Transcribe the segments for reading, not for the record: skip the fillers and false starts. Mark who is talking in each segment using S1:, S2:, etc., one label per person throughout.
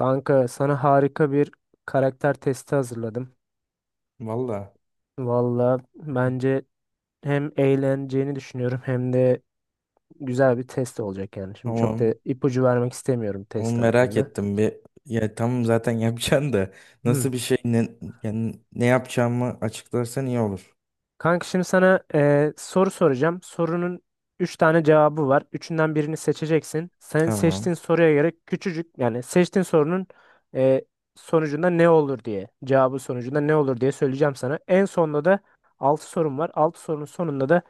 S1: Kanka sana harika bir karakter testi hazırladım.
S2: Valla
S1: Valla bence hem eğleneceğini düşünüyorum hem de güzel bir test olacak yani. Şimdi çok da
S2: tamam.
S1: ipucu vermek istemiyorum
S2: Ama
S1: test
S2: merak
S1: hakkında.
S2: ettim bir. Ya tamam zaten yapacaksın da nasıl bir şey ne, yani ne yapacağımı açıklarsan iyi olur.
S1: Kanka şimdi sana soru soracağım. Sorunun 3 tane cevabı var. Üçünden birini seçeceksin. Senin
S2: Tamam.
S1: seçtiğin soruya göre küçücük yani seçtiğin sorunun eee, sonucunda ne olur diye cevabı sonucunda ne olur diye söyleyeceğim sana. En sonunda da 6 sorum var. 6 sorunun sonunda da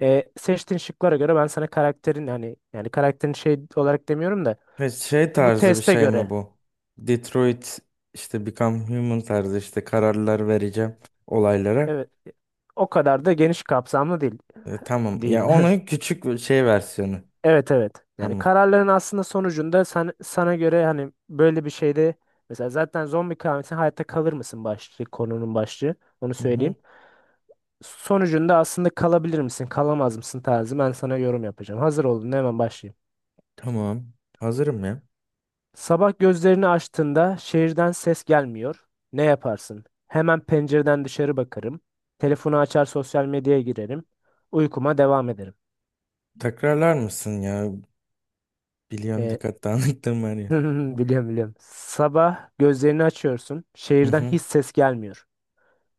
S1: seçtiğin şıklara göre ben sana karakterin hani yani karakterin şey olarak demiyorum da
S2: Ve şey
S1: bu
S2: tarzı bir
S1: teste
S2: şey mi
S1: göre
S2: bu? Detroit işte Become Human tarzı işte kararlar vereceğim olaylara.
S1: evet o kadar da geniş kapsamlı değil
S2: Tamam. Ya
S1: diyeyim.
S2: onun küçük bir şey versiyonu.
S1: Evet, evet. Yani
S2: Tamam.
S1: kararların aslında sonucunda sana göre hani böyle bir şeyde mesela zaten zombi kıyameti hayatta kalır mısın başlığı konunun başlığı onu
S2: Hı hı.
S1: söyleyeyim. Sonucunda aslında kalabilir misin kalamaz mısın tarzı ben sana yorum yapacağım. Hazır olun hemen başlayayım.
S2: Tamam. Hazırım ya.
S1: Sabah gözlerini açtığında şehirden ses gelmiyor. Ne yaparsın? Hemen pencereden dışarı bakarım. Telefonu açar sosyal medyaya girerim. Uykuma devam ederim.
S2: Tekrarlar mısın ya? Biliyorum
S1: Ee,
S2: dikkat dağınıklığım var ya.
S1: Hı hı hı, biliyorum biliyorum. Sabah gözlerini açıyorsun.
S2: Hı
S1: Şehirden
S2: hı.
S1: hiç ses gelmiyor.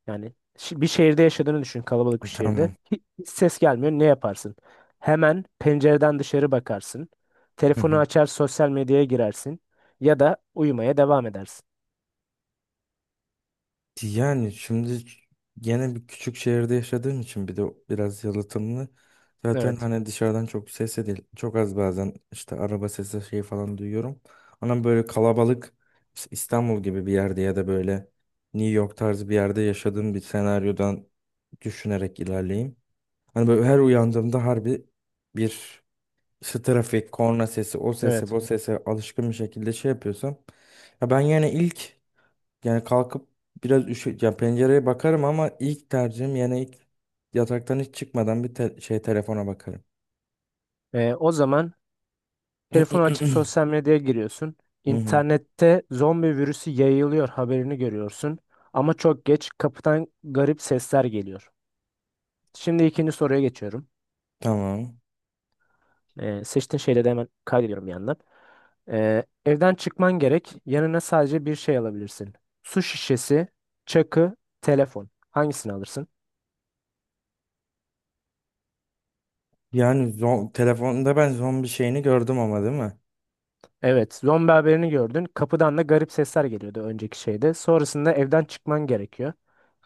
S1: Yani bir şehirde yaşadığını düşün, kalabalık bir şehirde.
S2: Tamam.
S1: Hiç ses gelmiyor. Ne yaparsın? Hemen pencereden dışarı bakarsın.
S2: Hı
S1: Telefonu
S2: hı.
S1: açar, sosyal medyaya girersin. Ya da uyumaya devam edersin.
S2: Yani şimdi gene bir küçük şehirde yaşadığım için bir de biraz yalıtımlı. Zaten
S1: Evet.
S2: hani dışarıdan çok ses de değil. Çok az bazen işte araba sesi şey falan duyuyorum. Ama böyle kalabalık işte İstanbul gibi bir yerde ya da böyle New York tarzı bir yerde yaşadığım bir senaryodan düşünerek ilerleyeyim. Hani böyle her uyandığımda harbi bir işte trafik, korna sesi, o sese,
S1: Evet.
S2: bu sese alışkın bir şekilde şey yapıyorsam. Ya ben yani ilk yani kalkıp biraz üşü ya pencereye bakarım ama ilk tercihim yani ilk yataktan hiç çıkmadan bir şey telefona bakarım.
S1: O zaman telefonu açıp
S2: Hı
S1: sosyal medyaya giriyorsun.
S2: hı,
S1: İnternette zombi virüsü yayılıyor haberini görüyorsun. Ama çok geç kapıdan garip sesler geliyor. Şimdi ikinci soruya geçiyorum.
S2: tamam.
S1: Seçtiğin şeyleri de hemen kaydediyorum bir yandan. Evden çıkman gerek. Yanına sadece bir şey alabilirsin. Su şişesi, çakı, telefon. Hangisini alırsın?
S2: Yani telefonda ben zombi şeyini gördüm ama değil mi?
S1: Evet, zombi haberini gördün. Kapıdan da garip sesler geliyordu önceki şeyde. Sonrasında evden çıkman gerekiyor.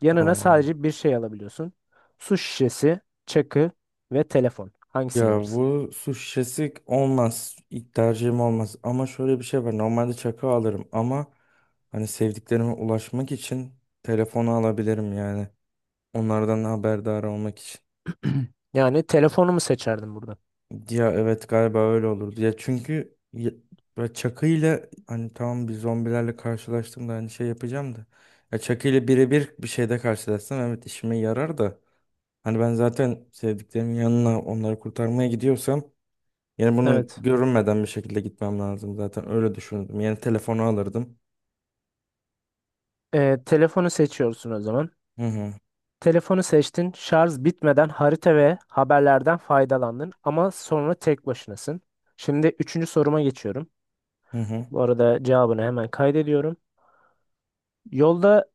S1: Yanına
S2: Aa.
S1: sadece bir şey alabiliyorsun. Su şişesi, çakı ve telefon. Hangisini
S2: Ya
S1: alırsın?
S2: bu su şişesi olmaz. İlk tercihim olmaz. Ama şöyle bir şey var. Normalde çakı alırım ama hani sevdiklerime ulaşmak için telefonu alabilirim yani. Onlardan haberdar olmak için.
S1: Yani telefonu mu seçerdin burada?
S2: Ya evet galiba öyle olurdu. Ya çünkü ya, böyle Chucky ile hani tamam bir zombilerle karşılaştığımda hani şey yapacağım da. Ya Chucky ile birebir bir şeyde karşılaşsam evet işime yarar da. Hani ben zaten sevdiklerimin yanına onları kurtarmaya gidiyorsam yani bunu
S1: Evet.
S2: görünmeden bir şekilde gitmem lazım zaten öyle düşündüm. Yani telefonu alırdım.
S1: Telefonu seçiyorsun o zaman.
S2: Hı hı.
S1: Telefonu seçtin, şarj bitmeden harita ve haberlerden faydalandın ama sonra tek başınasın. Şimdi üçüncü soruma geçiyorum.
S2: Hı hı.
S1: Bu arada cevabını hemen kaydediyorum. Yolda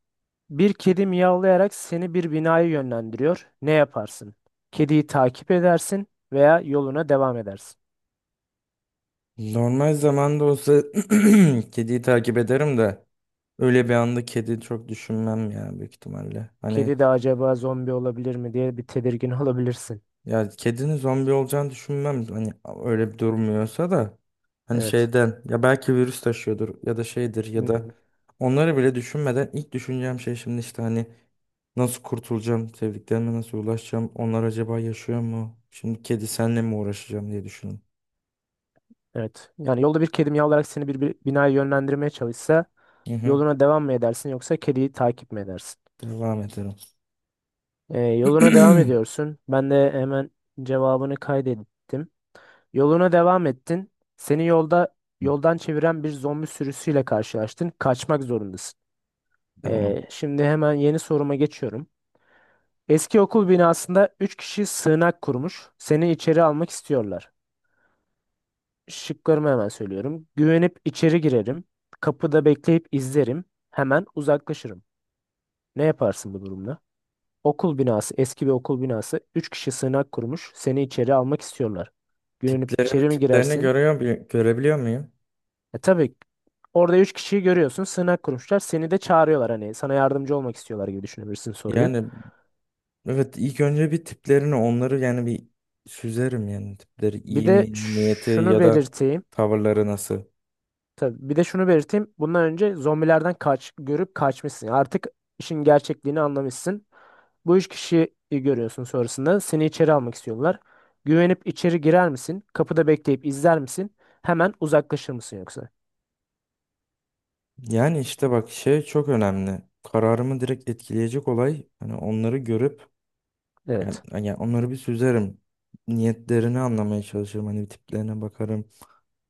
S1: bir kedi miyavlayarak seni bir binaya yönlendiriyor. Ne yaparsın? Kediyi takip edersin veya yoluna devam edersin.
S2: Normal zamanda olsa kediyi takip ederim de öyle bir anda kedi çok düşünmem ya büyük ihtimalle. Hani
S1: Kedi de acaba zombi olabilir mi diye bir tedirgin olabilirsin.
S2: ya kedinin zombi olacağını düşünmem. Hani öyle bir durmuyorsa da hani
S1: Evet.
S2: şeyden ya belki virüs taşıyordur ya da şeydir ya da
S1: Hmm,
S2: onları bile düşünmeden ilk düşüneceğim şey şimdi işte hani nasıl kurtulacağım, sevdiklerime nasıl ulaşacağım, onlar acaba yaşıyor mu? Şimdi kedi senle mi uğraşacağım diye düşünün.
S1: evet. Yani yolda bir kedi miyavlayarak seni bir binaya yönlendirmeye çalışsa
S2: Hı hı.
S1: yoluna devam mı edersin yoksa kediyi takip mi edersin?
S2: Devam edelim.
S1: Yoluna devam ediyorsun. Ben de hemen cevabını kaydettim. Yoluna devam ettin. Seni yolda yoldan çeviren bir zombi sürüsüyle karşılaştın. Kaçmak zorundasın.
S2: Tamam.
S1: Şimdi hemen yeni soruma geçiyorum. Eski okul binasında 3 kişi sığınak kurmuş. Seni içeri almak istiyorlar. Şıklarımı hemen söylüyorum. Güvenip içeri girerim. Kapıda bekleyip izlerim. Hemen uzaklaşırım. Ne yaparsın bu durumda? Okul binası, eski bir okul binası. Üç kişi sığınak kurmuş. Seni içeri almak istiyorlar. Görünüp
S2: Tiplerini
S1: içeri mi
S2: tiplerini
S1: girersin?
S2: görüyor, görebiliyor muyum?
S1: E tabii. Orada üç kişiyi görüyorsun. Sığınak kurmuşlar. Seni de çağırıyorlar hani sana yardımcı olmak istiyorlar gibi düşünebilirsin soruyu.
S2: Yani evet ilk önce bir tiplerini onları yani bir süzerim yani tipleri
S1: Bir
S2: iyi
S1: de
S2: mi niyeti
S1: şunu
S2: ya da
S1: belirteyim.
S2: tavırları nasıl.
S1: Tabii. Bir de şunu belirteyim. Bundan önce zombilerden kaç görüp kaçmışsın. Yani artık işin gerçekliğini anlamışsın. Bu üç kişiyi görüyorsun sonrasında. Seni içeri almak istiyorlar. Güvenip içeri girer misin? Kapıda bekleyip izler misin? Hemen uzaklaşır mısın yoksa?
S2: Yani işte bak şey çok önemli. Kararımı direkt etkileyecek olay hani onları görüp yani,
S1: Evet.
S2: yani onları bir süzerim. Niyetlerini anlamaya çalışırım. Hani tiplerine bakarım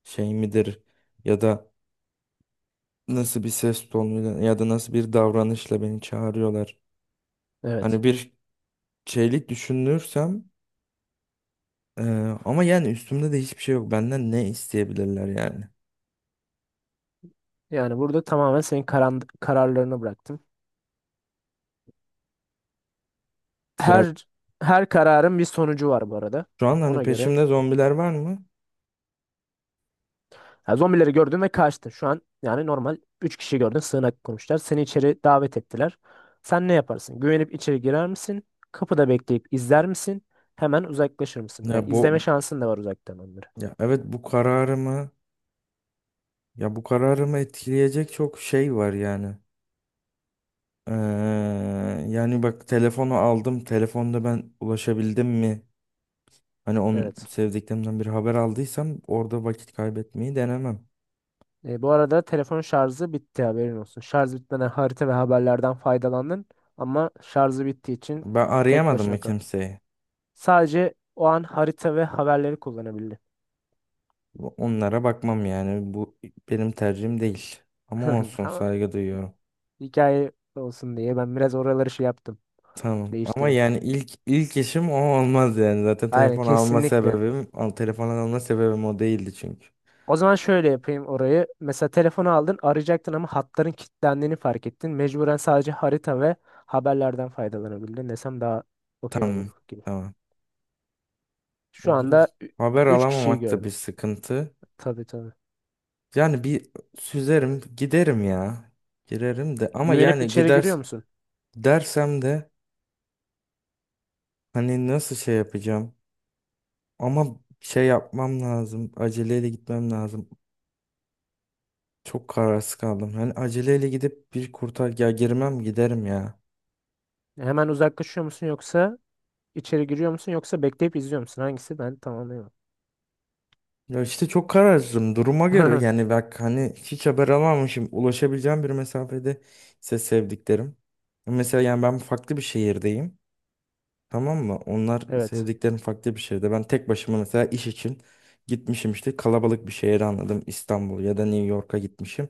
S2: şey midir ya da nasıl bir ses tonuyla ya da nasıl bir davranışla beni çağırıyorlar.
S1: Evet.
S2: Hani bir şeylik düşünürsem Ee, ama yani üstümde de hiçbir şey yok. Benden ne isteyebilirler yani?
S1: Yani burada tamamen senin kararlarına bıraktım.
S2: Ya
S1: Her her kararın bir sonucu var bu arada.
S2: şu an hani
S1: Ona göre
S2: peşimde zombiler var mı?
S1: ha, zombileri gördün ve kaçtın. Şu an yani normal 3 kişi gördün sığınak kurmuşlar. Seni içeri davet ettiler. Sen ne yaparsın? Güvenip içeri girer misin? Kapıda bekleyip izler misin? Hemen uzaklaşır mısın? Yani
S2: Ya
S1: izleme
S2: bu
S1: şansın da var uzaktan onları.
S2: ya evet bu kararımı etkileyecek çok şey var yani. Ee, Yani bak telefonu aldım. Telefonda ben ulaşabildim mi? Hani onun
S1: Evet.
S2: sevdiklerimden bir haber aldıysam orada vakit kaybetmeyi denemem.
S1: Bu arada telefon şarjı bitti haberin olsun. Şarj bitmeden harita ve haberlerden faydalandın ama şarjı bittiği için
S2: Ben
S1: tek
S2: arayamadım
S1: başına
S2: mı
S1: kaldın.
S2: kimseyi?
S1: Sadece o an harita ve haberleri kullanabildin.
S2: Onlara bakmam yani. Bu benim tercihim değil. Ama olsun
S1: Ama
S2: saygı duyuyorum.
S1: hikaye olsun diye ben biraz oraları şey yaptım.
S2: Tamam ama
S1: Değiştirdim.
S2: yani ilk işim o olmaz yani. Zaten
S1: Aynen,
S2: telefon alma
S1: kesinlikle.
S2: sebebim, al, telefon alma sebebim o değildi çünkü.
S1: O zaman şöyle yapayım orayı. Mesela telefonu aldın arayacaktın ama hatların kilitlendiğini fark ettin. Mecburen sadece harita ve haberlerden faydalanabildin desem daha okey olur
S2: Tamam.
S1: gibi.
S2: Tamam.
S1: Şu
S2: Bu
S1: anda
S2: haber
S1: 3 kişiyi
S2: alamamak da bir
S1: gördüm.
S2: sıkıntı.
S1: Tabii, tabii.
S2: Yani bir süzerim, giderim ya. Girerim de ama
S1: Güvenip
S2: yani
S1: içeri
S2: gider
S1: giriyor musun?
S2: dersem de hani nasıl şey yapacağım? Ama şey yapmam lazım. Aceleyle gitmem lazım. Çok kararsız kaldım. Hani aceleyle gidip bir kurtar ya girmem giderim ya.
S1: Hemen uzaklaşıyor musun yoksa içeri giriyor musun yoksa bekleyip izliyor musun? Hangisi? Ben tamamlayamam.
S2: Ya işte çok kararsızım duruma göre yani bak hani hiç haber alamamışım ulaşabileceğim bir mesafede ise sevdiklerim. Mesela yani ben farklı bir şehirdeyim tamam mı? Onlar
S1: Evet.
S2: sevdiklerim farklı bir şehirde. Ben tek başıma mesela iş için gitmişim işte kalabalık bir şehre anladım İstanbul ya da New York'a gitmişim.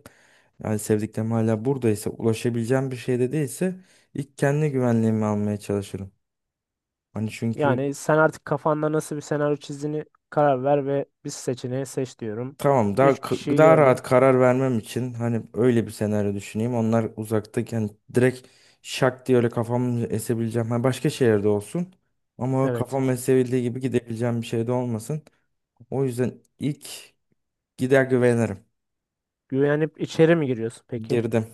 S2: Yani sevdiklerim hala buradaysa ulaşabileceğim bir şeyde değilse ilk kendi güvenliğimi almaya çalışırım. Hani çünkü
S1: Yani sen artık kafanda nasıl bir senaryo çizdiğini karar ver ve bir seçeneği seç diyorum.
S2: tamam daha
S1: 3 kişiyi
S2: daha
S1: gördün.
S2: rahat karar vermem için hani öyle bir senaryo düşüneyim. Onlar uzaktayken direkt şak diye öyle kafamı esebileceğim. Ha, başka şehirde olsun ama
S1: Evet.
S2: kafam esebildiği gibi gidebileceğim bir şey de olmasın. O yüzden ilk gider güvenirim.
S1: Güvenip içeri mi giriyorsun peki?
S2: Girdim.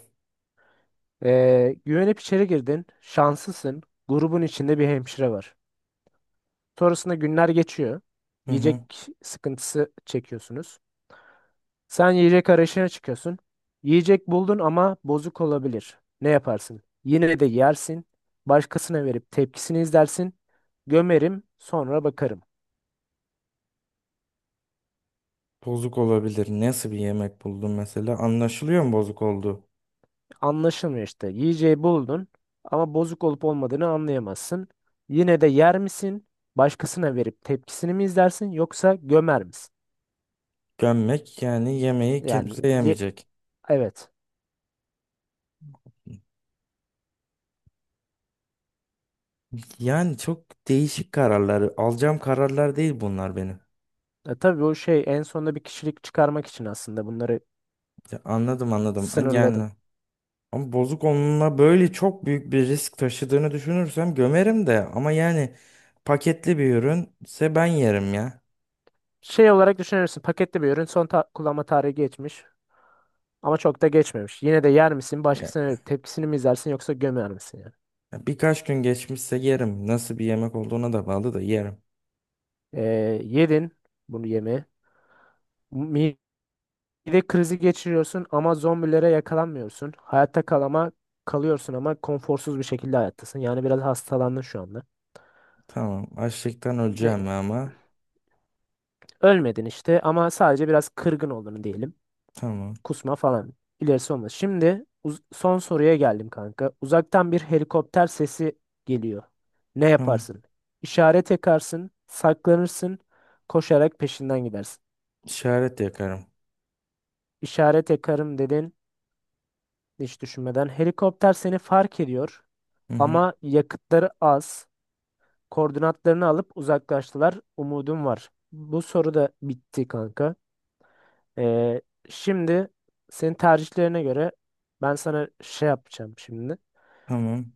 S1: Güvenip içeri girdin. Şanslısın. Grubun içinde bir hemşire var. Sonrasında günler geçiyor.
S2: Hı
S1: Yiyecek
S2: hı.
S1: sıkıntısı çekiyorsunuz. Sen yiyecek arayışına çıkıyorsun. Yiyecek buldun ama bozuk olabilir. Ne yaparsın? Yine de yersin. Başkasına verip tepkisini izlersin. Gömerim, sonra bakarım.
S2: Bozuk olabilir. Nasıl bir yemek buldum mesela? Anlaşılıyor mu bozuk olduğu?
S1: Anlaşılmıyor işte. Yiyeceği buldun ama bozuk olup olmadığını anlayamazsın. Yine de yer misin? Başkasına verip tepkisini mi izlersin yoksa gömer misin?
S2: Gömmek yani yemeği
S1: Yani
S2: kimse
S1: ye-
S2: yemeyecek.
S1: evet.
S2: Yani çok değişik kararları alacağım kararlar değil bunlar benim.
S1: E, tabii o şey en sonunda bir kişilik çıkarmak için aslında bunları
S2: Ya anladım anladım.
S1: sınırladım.
S2: Yani ama bozuk onunla böyle çok büyük bir risk taşıdığını düşünürsem gömerim de ama yani paketli bir ürünse ben yerim ya.
S1: Şey olarak düşünürsün paketli bir ürün son kullanma tarihi geçmiş ama çok da geçmemiş. Yine de yer misin?
S2: Ya-
S1: Başkasına verip tepkisini mi izlersin yoksa gömer misin yani?
S2: ya birkaç gün geçmişse yerim. Nasıl bir yemek olduğuna da bağlı da yerim.
S1: E, Yedin bunu yemeği. Bir de krizi geçiriyorsun ama zombilere yakalanmıyorsun. Hayatta kalıyorsun ama konforsuz bir şekilde hayattasın. Yani biraz hastalandın şu anda.
S2: Tamam. Açlıktan
S1: Ne,
S2: öleceğim ama.
S1: ölmedin işte ama sadece biraz kırgın olduğunu diyelim.
S2: Tamam.
S1: Kusma falan. İlerisi olmaz. Şimdi son soruya geldim kanka. Uzaktan bir helikopter sesi geliyor. Ne
S2: Tamam.
S1: yaparsın? İşaret yakarsın, saklanırsın, koşarak peşinden gidersin.
S2: İşaret yakarım.
S1: İşaret yakarım dedin hiç düşünmeden. Helikopter seni fark ediyor
S2: Hı hı.
S1: ama yakıtları az. Koordinatlarını alıp uzaklaştılar. Umudum var. Bu soru da bitti kanka. Ee, Şimdi senin tercihlerine göre ben sana şey yapacağım şimdi.
S2: Tamam.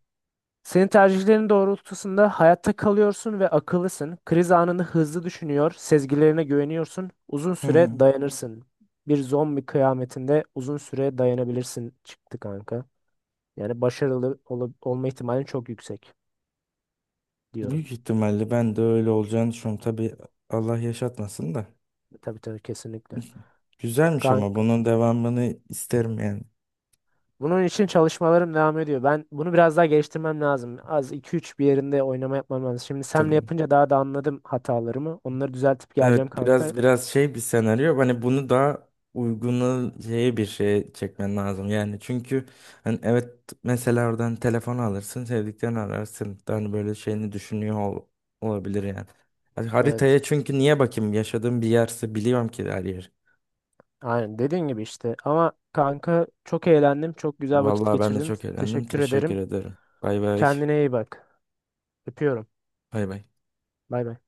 S1: Senin tercihlerin doğrultusunda hayatta kalıyorsun ve akıllısın. Kriz anını hızlı düşünüyor, sezgilerine güveniyorsun. Uzun
S2: Hı hı.
S1: süre dayanırsın. Bir zombi kıyametinde uzun süre dayanabilirsin çıktı kanka. Yani başarılı olma ihtimalin çok yüksek diyorum.
S2: Büyük ihtimalle ben de öyle olacağını düşünüyorum. Tabii Allah yaşatmasın da.
S1: Tabii, tabii, kesinlikle.
S2: Güzelmiş ama
S1: Kanka.
S2: bunun devamını isterim yani.
S1: Bunun için çalışmalarım devam ediyor. Ben bunu biraz daha geliştirmem lazım. Az iki üç bir yerinde oynama yapmam lazım. Şimdi senle
S2: Tamam.
S1: yapınca daha da anladım hatalarımı. Onları düzeltip geleceğim
S2: Evet
S1: kanka.
S2: biraz şey bir senaryo. Hani bunu daha uygunu şeye bir şeye çekmen lazım. Yani çünkü hani evet mesela oradan telefon alırsın, sevdiklerini ararsın. Hani böyle şeyini düşünüyor olabilir yani. Hani
S1: Evet.
S2: haritaya çünkü niye bakayım? Yaşadığım bir yerse biliyorum ki her yer.
S1: Aynen dediğin gibi işte. Ama kanka çok eğlendim. Çok güzel vakit
S2: Vallahi ben de
S1: geçirdim.
S2: çok eğlendim.
S1: Teşekkür
S2: Teşekkür
S1: ederim.
S2: ederim. Bay bay.
S1: Kendine iyi bak. Öpüyorum.
S2: Bay bay.
S1: Bay bay.